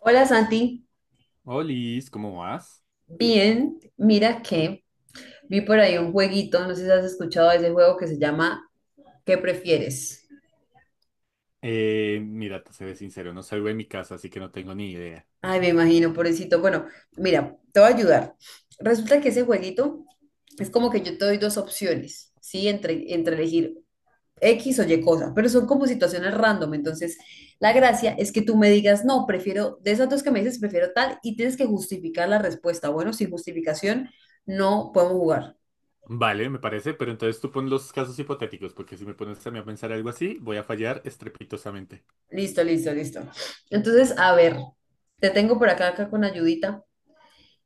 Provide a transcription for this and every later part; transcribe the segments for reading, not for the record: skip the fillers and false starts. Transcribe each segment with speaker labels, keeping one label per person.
Speaker 1: Hola Santi,
Speaker 2: Olis, ¿cómo vas?
Speaker 1: bien, mira que vi por ahí un jueguito, no sé si has escuchado de ese juego que se llama ¿Qué prefieres?
Speaker 2: Mira, te seré sincero, no salgo de mi casa, así que no tengo ni idea.
Speaker 1: Ay, me imagino, pobrecito. Bueno, mira, te voy a ayudar. Resulta que ese jueguito es como que yo te doy dos opciones, ¿sí? Entre elegir X o Y cosa, pero son como situaciones random. Entonces, la gracia es que tú me digas, no, prefiero, de esas dos que me dices, prefiero tal, y tienes que justificar la respuesta. Bueno, sin justificación no podemos jugar.
Speaker 2: Vale, me parece, pero entonces tú pon los casos hipotéticos, porque si me pones a mí a pensar algo así, voy a fallar estrepitosamente.
Speaker 1: Listo, listo, listo. Entonces, a ver, te tengo por acá, acá con ayudita.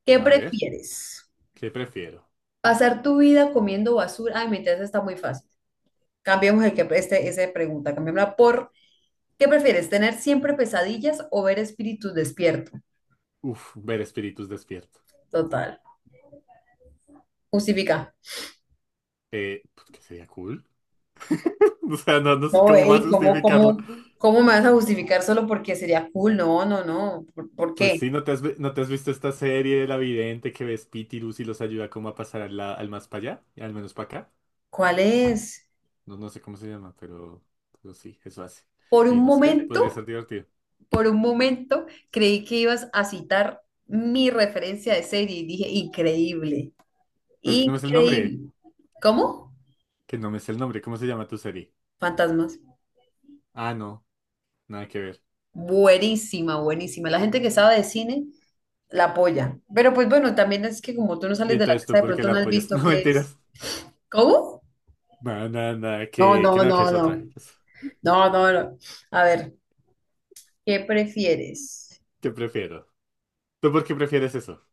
Speaker 1: ¿Qué
Speaker 2: A ver,
Speaker 1: prefieres?
Speaker 2: ¿qué prefiero?
Speaker 1: ¿Pasar tu vida comiendo basura? Ay, mi test está muy fácil. Cambiemos esa pregunta, cambiémosla por ¿qué prefieres? ¿Tener siempre pesadillas o ver espíritus despierto?
Speaker 2: Uf, ver espíritus despierto.
Speaker 1: Total. Justifica.
Speaker 2: Pues que sería cool. O sea, no, no sé
Speaker 1: No,
Speaker 2: cómo más
Speaker 1: ey, ¿cómo,
Speaker 2: justificarlo.
Speaker 1: cómo, cómo me vas a justificar solo porque sería cool? No, no, no. ¿Por
Speaker 2: Pues
Speaker 1: qué?
Speaker 2: sí, no te has visto esta serie de la vidente que ves Pitilus y los ayuda como a pasar al más para allá, al menos para acá?
Speaker 1: ¿Cuál es?
Speaker 2: No, no sé cómo se llama, pero sí, eso hace.
Speaker 1: Por un
Speaker 2: Y no sé, podría
Speaker 1: momento.
Speaker 2: ser divertido.
Speaker 1: Por un momento creí que ibas a citar mi referencia de serie y dije, increíble,
Speaker 2: Pero es que no me es el nombre.
Speaker 1: increíble. ¿Cómo?
Speaker 2: Que no me es el nombre. ¿Cómo se llama tu serie?
Speaker 1: Fantasmas.
Speaker 2: Ah, no, nada que ver.
Speaker 1: Buenísima, buenísima. La gente que sabe de cine la apoya. Pero pues bueno, también es que como tú no
Speaker 2: Y
Speaker 1: sales de la
Speaker 2: entonces tú,
Speaker 1: casa, de
Speaker 2: ¿por qué
Speaker 1: pronto
Speaker 2: la
Speaker 1: no has
Speaker 2: apoyas?
Speaker 1: visto
Speaker 2: No,
Speaker 1: qué es.
Speaker 2: mentiras.
Speaker 1: ¿Cómo?
Speaker 2: Nada, nada, nada,
Speaker 1: No,
Speaker 2: que
Speaker 1: no,
Speaker 2: no, que
Speaker 1: no,
Speaker 2: es
Speaker 1: no.
Speaker 2: otra.
Speaker 1: No, no, no. A ver, ¿qué prefieres?
Speaker 2: ¿Qué prefiero? ¿Tú por qué prefieres eso?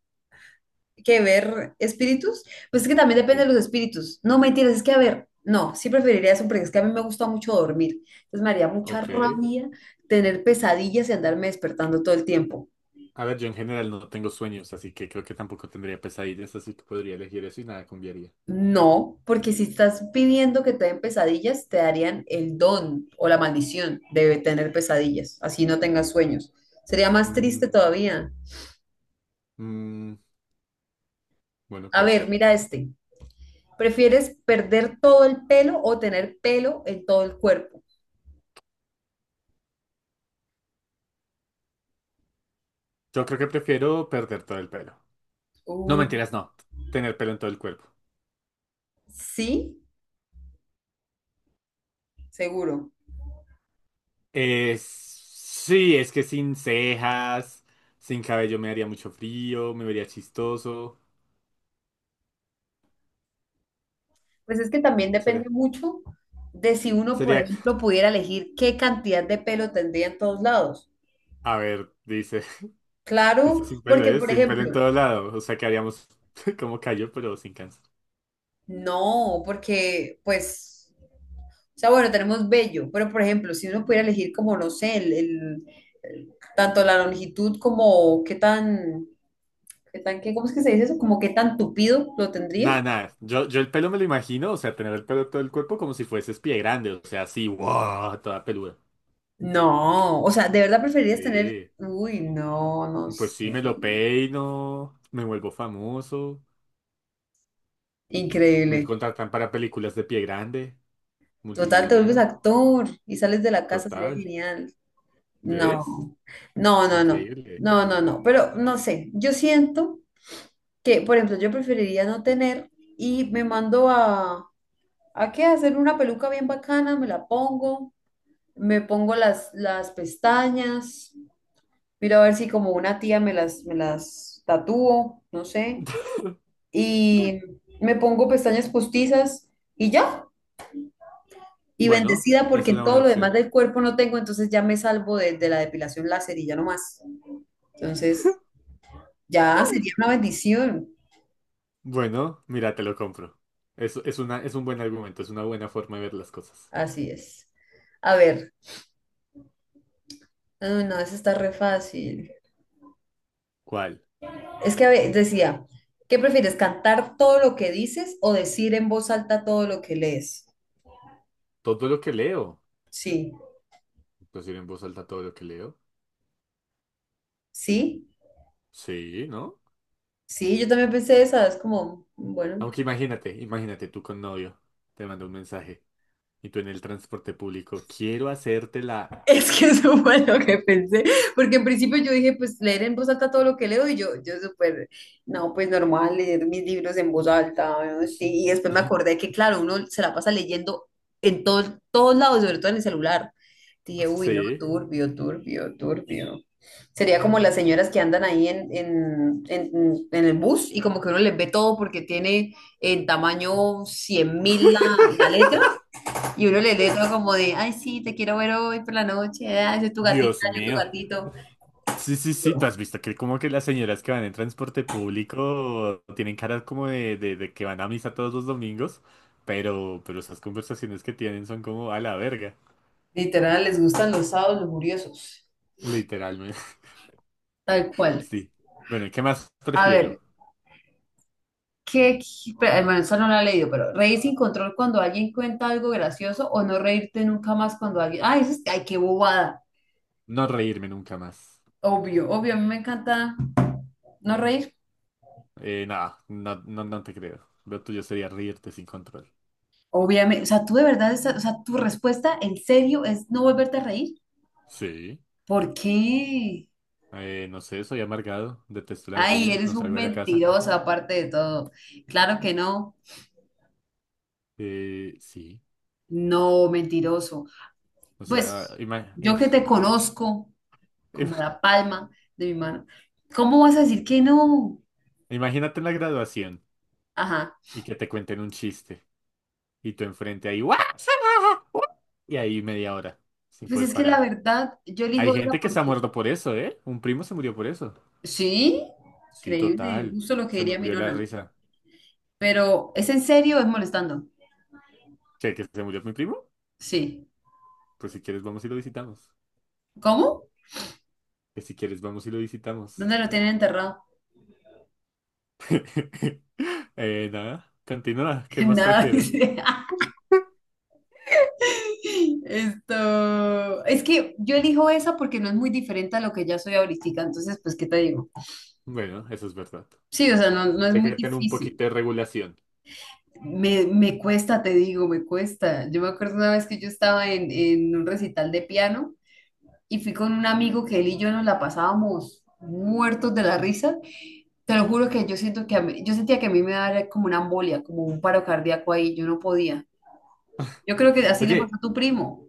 Speaker 1: Que ver espíritus, pues es que también depende de
Speaker 2: Sí.
Speaker 1: los espíritus. No, mentiras, es que a ver, no, sí preferiría eso porque es que a mí me gusta mucho dormir. Entonces me haría mucha
Speaker 2: Ok.
Speaker 1: rabia tener pesadillas y andarme despertando todo el tiempo.
Speaker 2: A ver, yo en general no tengo sueños, así que creo que tampoco tendría pesadillas, así que podría elegir eso y nada cambiaría.
Speaker 1: No, porque si estás pidiendo que te den pesadillas, te darían el don o la maldición de tener pesadillas, así no tengas sueños. Sería más triste
Speaker 2: Mm,
Speaker 1: todavía.
Speaker 2: mm, bueno,
Speaker 1: A
Speaker 2: puede
Speaker 1: ver,
Speaker 2: ser.
Speaker 1: mira este. ¿Prefieres perder todo el pelo o tener pelo en todo el cuerpo?
Speaker 2: Yo creo que prefiero perder todo el pelo. No
Speaker 1: Uh,
Speaker 2: mentiras, no. Tener pelo en todo el cuerpo.
Speaker 1: sí, seguro.
Speaker 2: Sí, es que sin cejas, sin cabello me haría mucho frío, me vería chistoso.
Speaker 1: Pues es que también depende
Speaker 2: Sería,
Speaker 1: mucho de si uno, por
Speaker 2: sería,
Speaker 1: ejemplo, pudiera elegir qué cantidad de pelo tendría en todos lados.
Speaker 2: a ver, dice, dice sin
Speaker 1: Claro,
Speaker 2: pelo,
Speaker 1: porque,
Speaker 2: ¿eh?
Speaker 1: por
Speaker 2: Sin pelo en
Speaker 1: ejemplo,
Speaker 2: todo lado. O sea, que haríamos como callo, pero sin cáncer.
Speaker 1: no, porque, pues, o sea, bueno, tenemos vello, pero, por ejemplo, si uno pudiera elegir como, no sé, tanto la longitud como ¿cómo es que se dice eso? Como qué tan tupido lo tendría.
Speaker 2: Nada, nada. Yo el pelo me lo imagino, o sea, tener el pelo en todo el cuerpo como si fueses pie grande, o sea, así, wow, toda peluda.
Speaker 1: No, o sea, ¿de verdad preferirías tener,
Speaker 2: Sí.
Speaker 1: uy, no, no
Speaker 2: Pues
Speaker 1: sé,
Speaker 2: sí, me lo peino, me vuelvo famoso, me
Speaker 1: increíble.
Speaker 2: contratan para películas de pie grande.
Speaker 1: Total, te vuelves
Speaker 2: Multimillonario.
Speaker 1: actor y sales de la casa, sería
Speaker 2: Total.
Speaker 1: genial.
Speaker 2: ¿Ves?
Speaker 1: No, no, no, no,
Speaker 2: Increíble.
Speaker 1: no, no, no. Pero no sé, yo siento que, por ejemplo, yo preferiría no tener y me mando ¿a qué? A hacer una peluca bien bacana, me la pongo, me pongo las pestañas, miro a ver si como una tía me las tatúo, no sé, y me pongo pestañas postizas y ya. Y
Speaker 2: Bueno,
Speaker 1: bendecida
Speaker 2: es
Speaker 1: porque en
Speaker 2: una
Speaker 1: todo
Speaker 2: buena
Speaker 1: lo demás
Speaker 2: opción.
Speaker 1: del cuerpo no tengo, entonces ya me salvo de la depilación láser y ya no más. Entonces, ya sería una bendición.
Speaker 2: Bueno, mira, te lo compro. Es un buen argumento, es una buena forma de ver las cosas.
Speaker 1: Así es. A ver, ah, no, eso está re fácil.
Speaker 2: ¿Cuál?
Speaker 1: Es que a ver, decía, ¿qué prefieres, cantar todo lo que dices o decir en voz alta todo lo que lees?
Speaker 2: Todo lo que leo.
Speaker 1: Sí,
Speaker 2: Decir en voz alta todo lo que leo.
Speaker 1: sí,
Speaker 2: Sí, ¿no?
Speaker 1: sí, yo también pensé esa, es como, bueno,
Speaker 2: Aunque imagínate, imagínate tú con novio. Te manda un mensaje. Y tú en el transporte público. Quiero hacértela.
Speaker 1: es que eso fue lo que pensé, porque en principio yo dije, pues leer en voz alta todo lo que leo y yo súper, no, pues normal leer mis libros en voz alta, ¿no? Sí, y después me acordé que claro, uno se la pasa leyendo en todos lados, sobre todo en el celular. Dije, uy, no,
Speaker 2: Sí.
Speaker 1: turbio, turbio, turbio. Sería como las señoras que andan ahí en el bus y como que uno les ve todo porque tiene en tamaño 100.000 la letra y uno le lee todo como de, ay, sí, te quiero ver hoy por la noche, ay, yo tu gatita,
Speaker 2: Dios
Speaker 1: yo tu
Speaker 2: mío.
Speaker 1: gatito.
Speaker 2: Sí, sí, sí, tú has visto que como que las señoras que van en transporte público tienen caras como de que van a misa todos los domingos, pero esas conversaciones que tienen son como a la verga,
Speaker 1: Literal, les gustan los sábados los curiosos.
Speaker 2: literalmente.
Speaker 1: Tal cual.
Speaker 2: Sí. Bueno, ¿y qué más
Speaker 1: A ver,
Speaker 2: prefiero?
Speaker 1: ¿qué, qué- pero, bueno, eso no lo he leído, pero reír sin control cuando alguien cuenta algo gracioso o no reírte nunca más cuando alguien, ay, eso es, ay, qué bobada.
Speaker 2: No reírme nunca más.
Speaker 1: Obvio, obvio, a mí me encanta no reír.
Speaker 2: Nada, no, no, no te creo. Lo tuyo sería reírte sin control.
Speaker 1: Obviamente, o sea, tú de verdad, esa- o sea, tu respuesta en serio es no volverte a reír.
Speaker 2: Sí.
Speaker 1: ¿Por qué?
Speaker 2: No sé, soy amargado, detesto la
Speaker 1: Ay,
Speaker 2: vida, no
Speaker 1: eres un
Speaker 2: salgo de la casa.
Speaker 1: mentiroso aparte de todo. Claro que no.
Speaker 2: Sí.
Speaker 1: No, mentiroso.
Speaker 2: O sea,
Speaker 1: Pues yo que te conozco
Speaker 2: im-
Speaker 1: como la palma de mi mano, ¿cómo vas a decir que no?
Speaker 2: imagínate en la graduación.
Speaker 1: Ajá.
Speaker 2: Y que te cuenten un chiste y tú enfrente ahí, ¡guau! ¡guau! Y ahí media hora sin
Speaker 1: Pues
Speaker 2: poder
Speaker 1: es que la
Speaker 2: parar.
Speaker 1: verdad, yo
Speaker 2: Hay
Speaker 1: elijo esa
Speaker 2: gente que se ha
Speaker 1: porque
Speaker 2: muerto por eso, ¿eh? Un primo se murió por eso.
Speaker 1: sí,
Speaker 2: Sí,
Speaker 1: creíble,
Speaker 2: total.
Speaker 1: justo lo que
Speaker 2: Se
Speaker 1: diría mi
Speaker 2: murió de la
Speaker 1: nona.
Speaker 2: risa.
Speaker 1: Pero ¿es en serio o es molestando?
Speaker 2: ¿Qué, que se murió mi primo?
Speaker 1: Sí.
Speaker 2: Pues si quieres vamos y lo visitamos.
Speaker 1: ¿Cómo?
Speaker 2: Que si quieres vamos y lo visitamos.
Speaker 1: ¿Dónde lo tienen enterrado?
Speaker 2: Nada, continúa. ¿Qué más
Speaker 1: Nada,
Speaker 2: prefiero?
Speaker 1: dice. Esto, es que yo elijo esa porque no es muy diferente a lo que ya soy ahorita, entonces, pues, ¿qué te digo?
Speaker 2: Bueno, eso es verdad.
Speaker 1: Sí, o sea, no, no es
Speaker 2: Hay
Speaker 1: muy
Speaker 2: que tener un
Speaker 1: difícil.
Speaker 2: poquito de regulación.
Speaker 1: Me cuesta, te digo, me cuesta. Yo me acuerdo una vez que yo estaba en un recital de piano y fui con un amigo que él y yo nos la pasábamos muertos de la risa. Te lo juro que yo siento que a mí- yo sentía que a mí me daba como una embolia, como un paro cardíaco ahí, yo no podía. Yo creo que así le pasó
Speaker 2: Oye,
Speaker 1: a tu primo.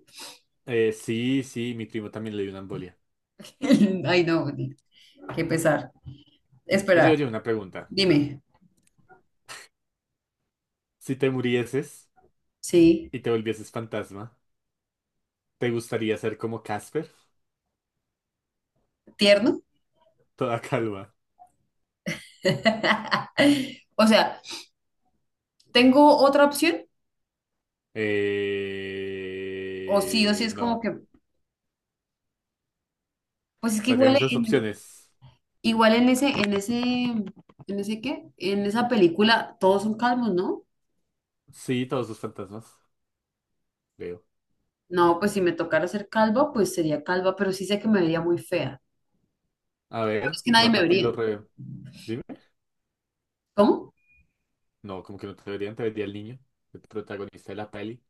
Speaker 2: sí, sí, mi primo también le dio una embolia.
Speaker 1: Ay, no, qué pesar.
Speaker 2: Oye,
Speaker 1: Espera,
Speaker 2: oye, una pregunta.
Speaker 1: dime.
Speaker 2: Si te murieses,
Speaker 1: Sí,
Speaker 2: y te volvieses fantasma, ¿te gustaría ser como Casper?
Speaker 1: tierno.
Speaker 2: Toda calva.
Speaker 1: O sea, ¿tengo otra opción? O sí es como
Speaker 2: No. O
Speaker 1: que, pues es que
Speaker 2: sea,
Speaker 1: igual
Speaker 2: tienes dos
Speaker 1: en,
Speaker 2: opciones.
Speaker 1: Igual en ese, ¿en ese qué? En esa película todos son calvos, ¿no?
Speaker 2: Sí, todos los fantasmas, creo.
Speaker 1: No, pues si me tocara ser calva, pues sería calva, pero sí sé que me vería muy fea.
Speaker 2: A
Speaker 1: Pero
Speaker 2: ver,
Speaker 1: es que nadie me
Speaker 2: rápate y
Speaker 1: vería.
Speaker 2: lo re... Dime.
Speaker 1: ¿Cómo?
Speaker 2: No, como que no te verían, te vería el niño, el protagonista de la peli.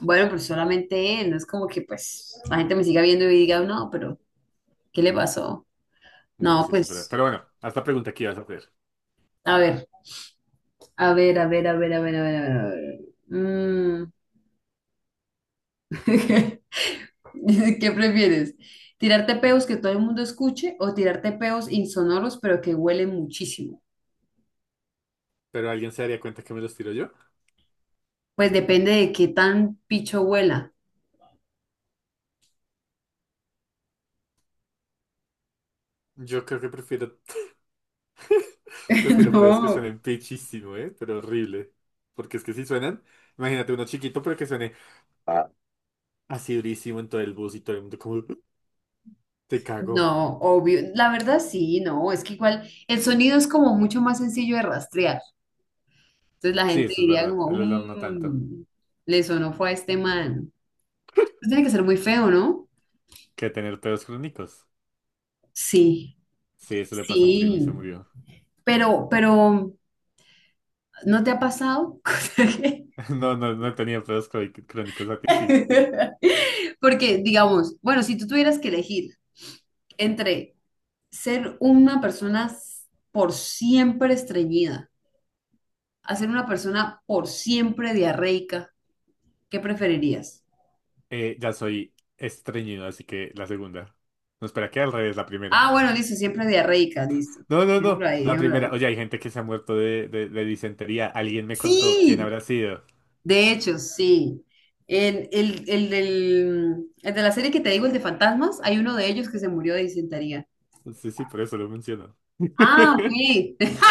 Speaker 1: Bueno, pues solamente él, no es como que pues la gente me siga viendo y diga, no, pero ¿qué le pasó?
Speaker 2: Bueno,
Speaker 1: No,
Speaker 2: sí, eso es verdad.
Speaker 1: pues,
Speaker 2: Pero bueno, hasta pregunta que ibas a hacer.
Speaker 1: a ver, a ver, a ver, a ver, a ver, a ver, a ver, a ver. Mm. ¿Qué prefieres? ¿Tirarte peos que todo el mundo escuche o tirarte peos insonoros pero que huelen muchísimo?
Speaker 2: ¿Pero alguien se daría cuenta que me los tiro yo?
Speaker 1: Pues depende de qué tan picho huela.
Speaker 2: Yo creo que prefiero, prefiero pedos que
Speaker 1: No.
Speaker 2: suenen pichísimo, ¿eh? Pero horrible. Porque es que si suenan, imagínate uno chiquito, pero que suene así durísimo en todo el bus y todo el mundo como, te cago.
Speaker 1: No, obvio. La verdad sí, no. Es que igual el sonido es como mucho más sencillo de rastrear. Entonces la
Speaker 2: Sí,
Speaker 1: gente
Speaker 2: eso es
Speaker 1: diría
Speaker 2: verdad.
Speaker 1: como,
Speaker 2: El olor no tanto.
Speaker 1: "Mm, le sonó fue a este man." Pues tiene que ser muy feo, ¿no?
Speaker 2: Que tener pedos crónicos.
Speaker 1: Sí,
Speaker 2: Sí, eso le pasó a un primo y se
Speaker 1: sí.
Speaker 2: murió.
Speaker 1: Pero, ¿no te ha pasado?
Speaker 2: No, no, no he tenido crónicos a ti, sí.
Speaker 1: Porque, digamos, bueno, si tú tuvieras que elegir entre ser una persona por siempre estreñida, a ser una persona por siempre diarreica, ¿qué preferirías?
Speaker 2: Ya soy estreñido, así que la segunda. No, espera, que al revés, la primera.
Speaker 1: Ah, bueno, dice siempre diarreica, listo.
Speaker 2: No, no, no,
Speaker 1: Déjalo ahí,
Speaker 2: la
Speaker 1: déjalo
Speaker 2: primera.
Speaker 1: ahí.
Speaker 2: Oye, hay gente que se ha muerto de disentería. Alguien me contó quién
Speaker 1: Sí,
Speaker 2: habrá sido.
Speaker 1: de hecho, sí. El de la serie que te digo, el de fantasmas, hay uno de ellos que se murió de disentería.
Speaker 2: Sí, sí, por eso lo menciono.
Speaker 1: Ah, ok.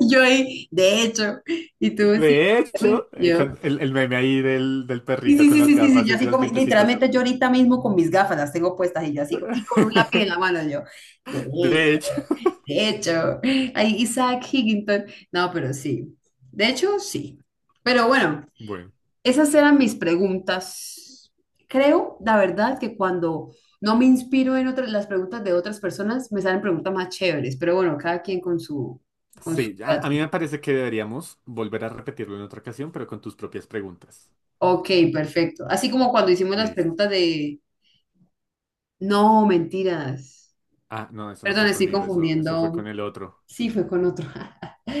Speaker 1: Yo ahí, de hecho, y tú sí.
Speaker 2: De
Speaker 1: También,
Speaker 2: hecho,
Speaker 1: y yo.
Speaker 2: con el meme ahí del
Speaker 1: Sí,
Speaker 2: perrito
Speaker 1: sí,
Speaker 2: con
Speaker 1: sí,
Speaker 2: las
Speaker 1: sí, sí, sí,
Speaker 2: gafas
Speaker 1: yo
Speaker 2: y
Speaker 1: así
Speaker 2: los
Speaker 1: como,
Speaker 2: dientecitos.
Speaker 1: literalmente yo ahorita mismo con mis gafas las tengo puestas y yo así, y con un lápiz en la mano yo, de hecho.
Speaker 2: De hecho,
Speaker 1: De hecho, ahí Isaac Higginton. No, pero sí. De hecho, sí. Pero bueno,
Speaker 2: bueno,
Speaker 1: esas eran mis preguntas. Creo, la verdad, que cuando no me inspiro en otras, las preguntas de otras personas, me salen preguntas más chéveres. Pero bueno, cada quien con su
Speaker 2: sí, a mí
Speaker 1: gratis.
Speaker 2: me parece que deberíamos volver a repetirlo en otra ocasión, pero con tus propias preguntas.
Speaker 1: Ok, perfecto. Así como cuando hicimos las
Speaker 2: Listo.
Speaker 1: preguntas de... No, mentiras.
Speaker 2: Ah, no, eso no
Speaker 1: Perdón,
Speaker 2: fue
Speaker 1: estoy
Speaker 2: conmigo, eso fue
Speaker 1: confundiendo.
Speaker 2: con el otro.
Speaker 1: Sí, fue con otro.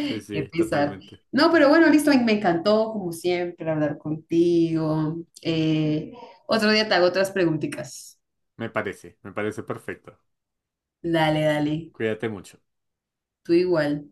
Speaker 2: Sí,
Speaker 1: Qué
Speaker 2: sí,
Speaker 1: pesar.
Speaker 2: totalmente.
Speaker 1: No, pero bueno, listo, me encantó, como siempre, hablar contigo. Eh, otro día te hago otras preguntitas.
Speaker 2: Me parece perfecto.
Speaker 1: Dale, dale,
Speaker 2: Cuídate mucho.
Speaker 1: tú igual.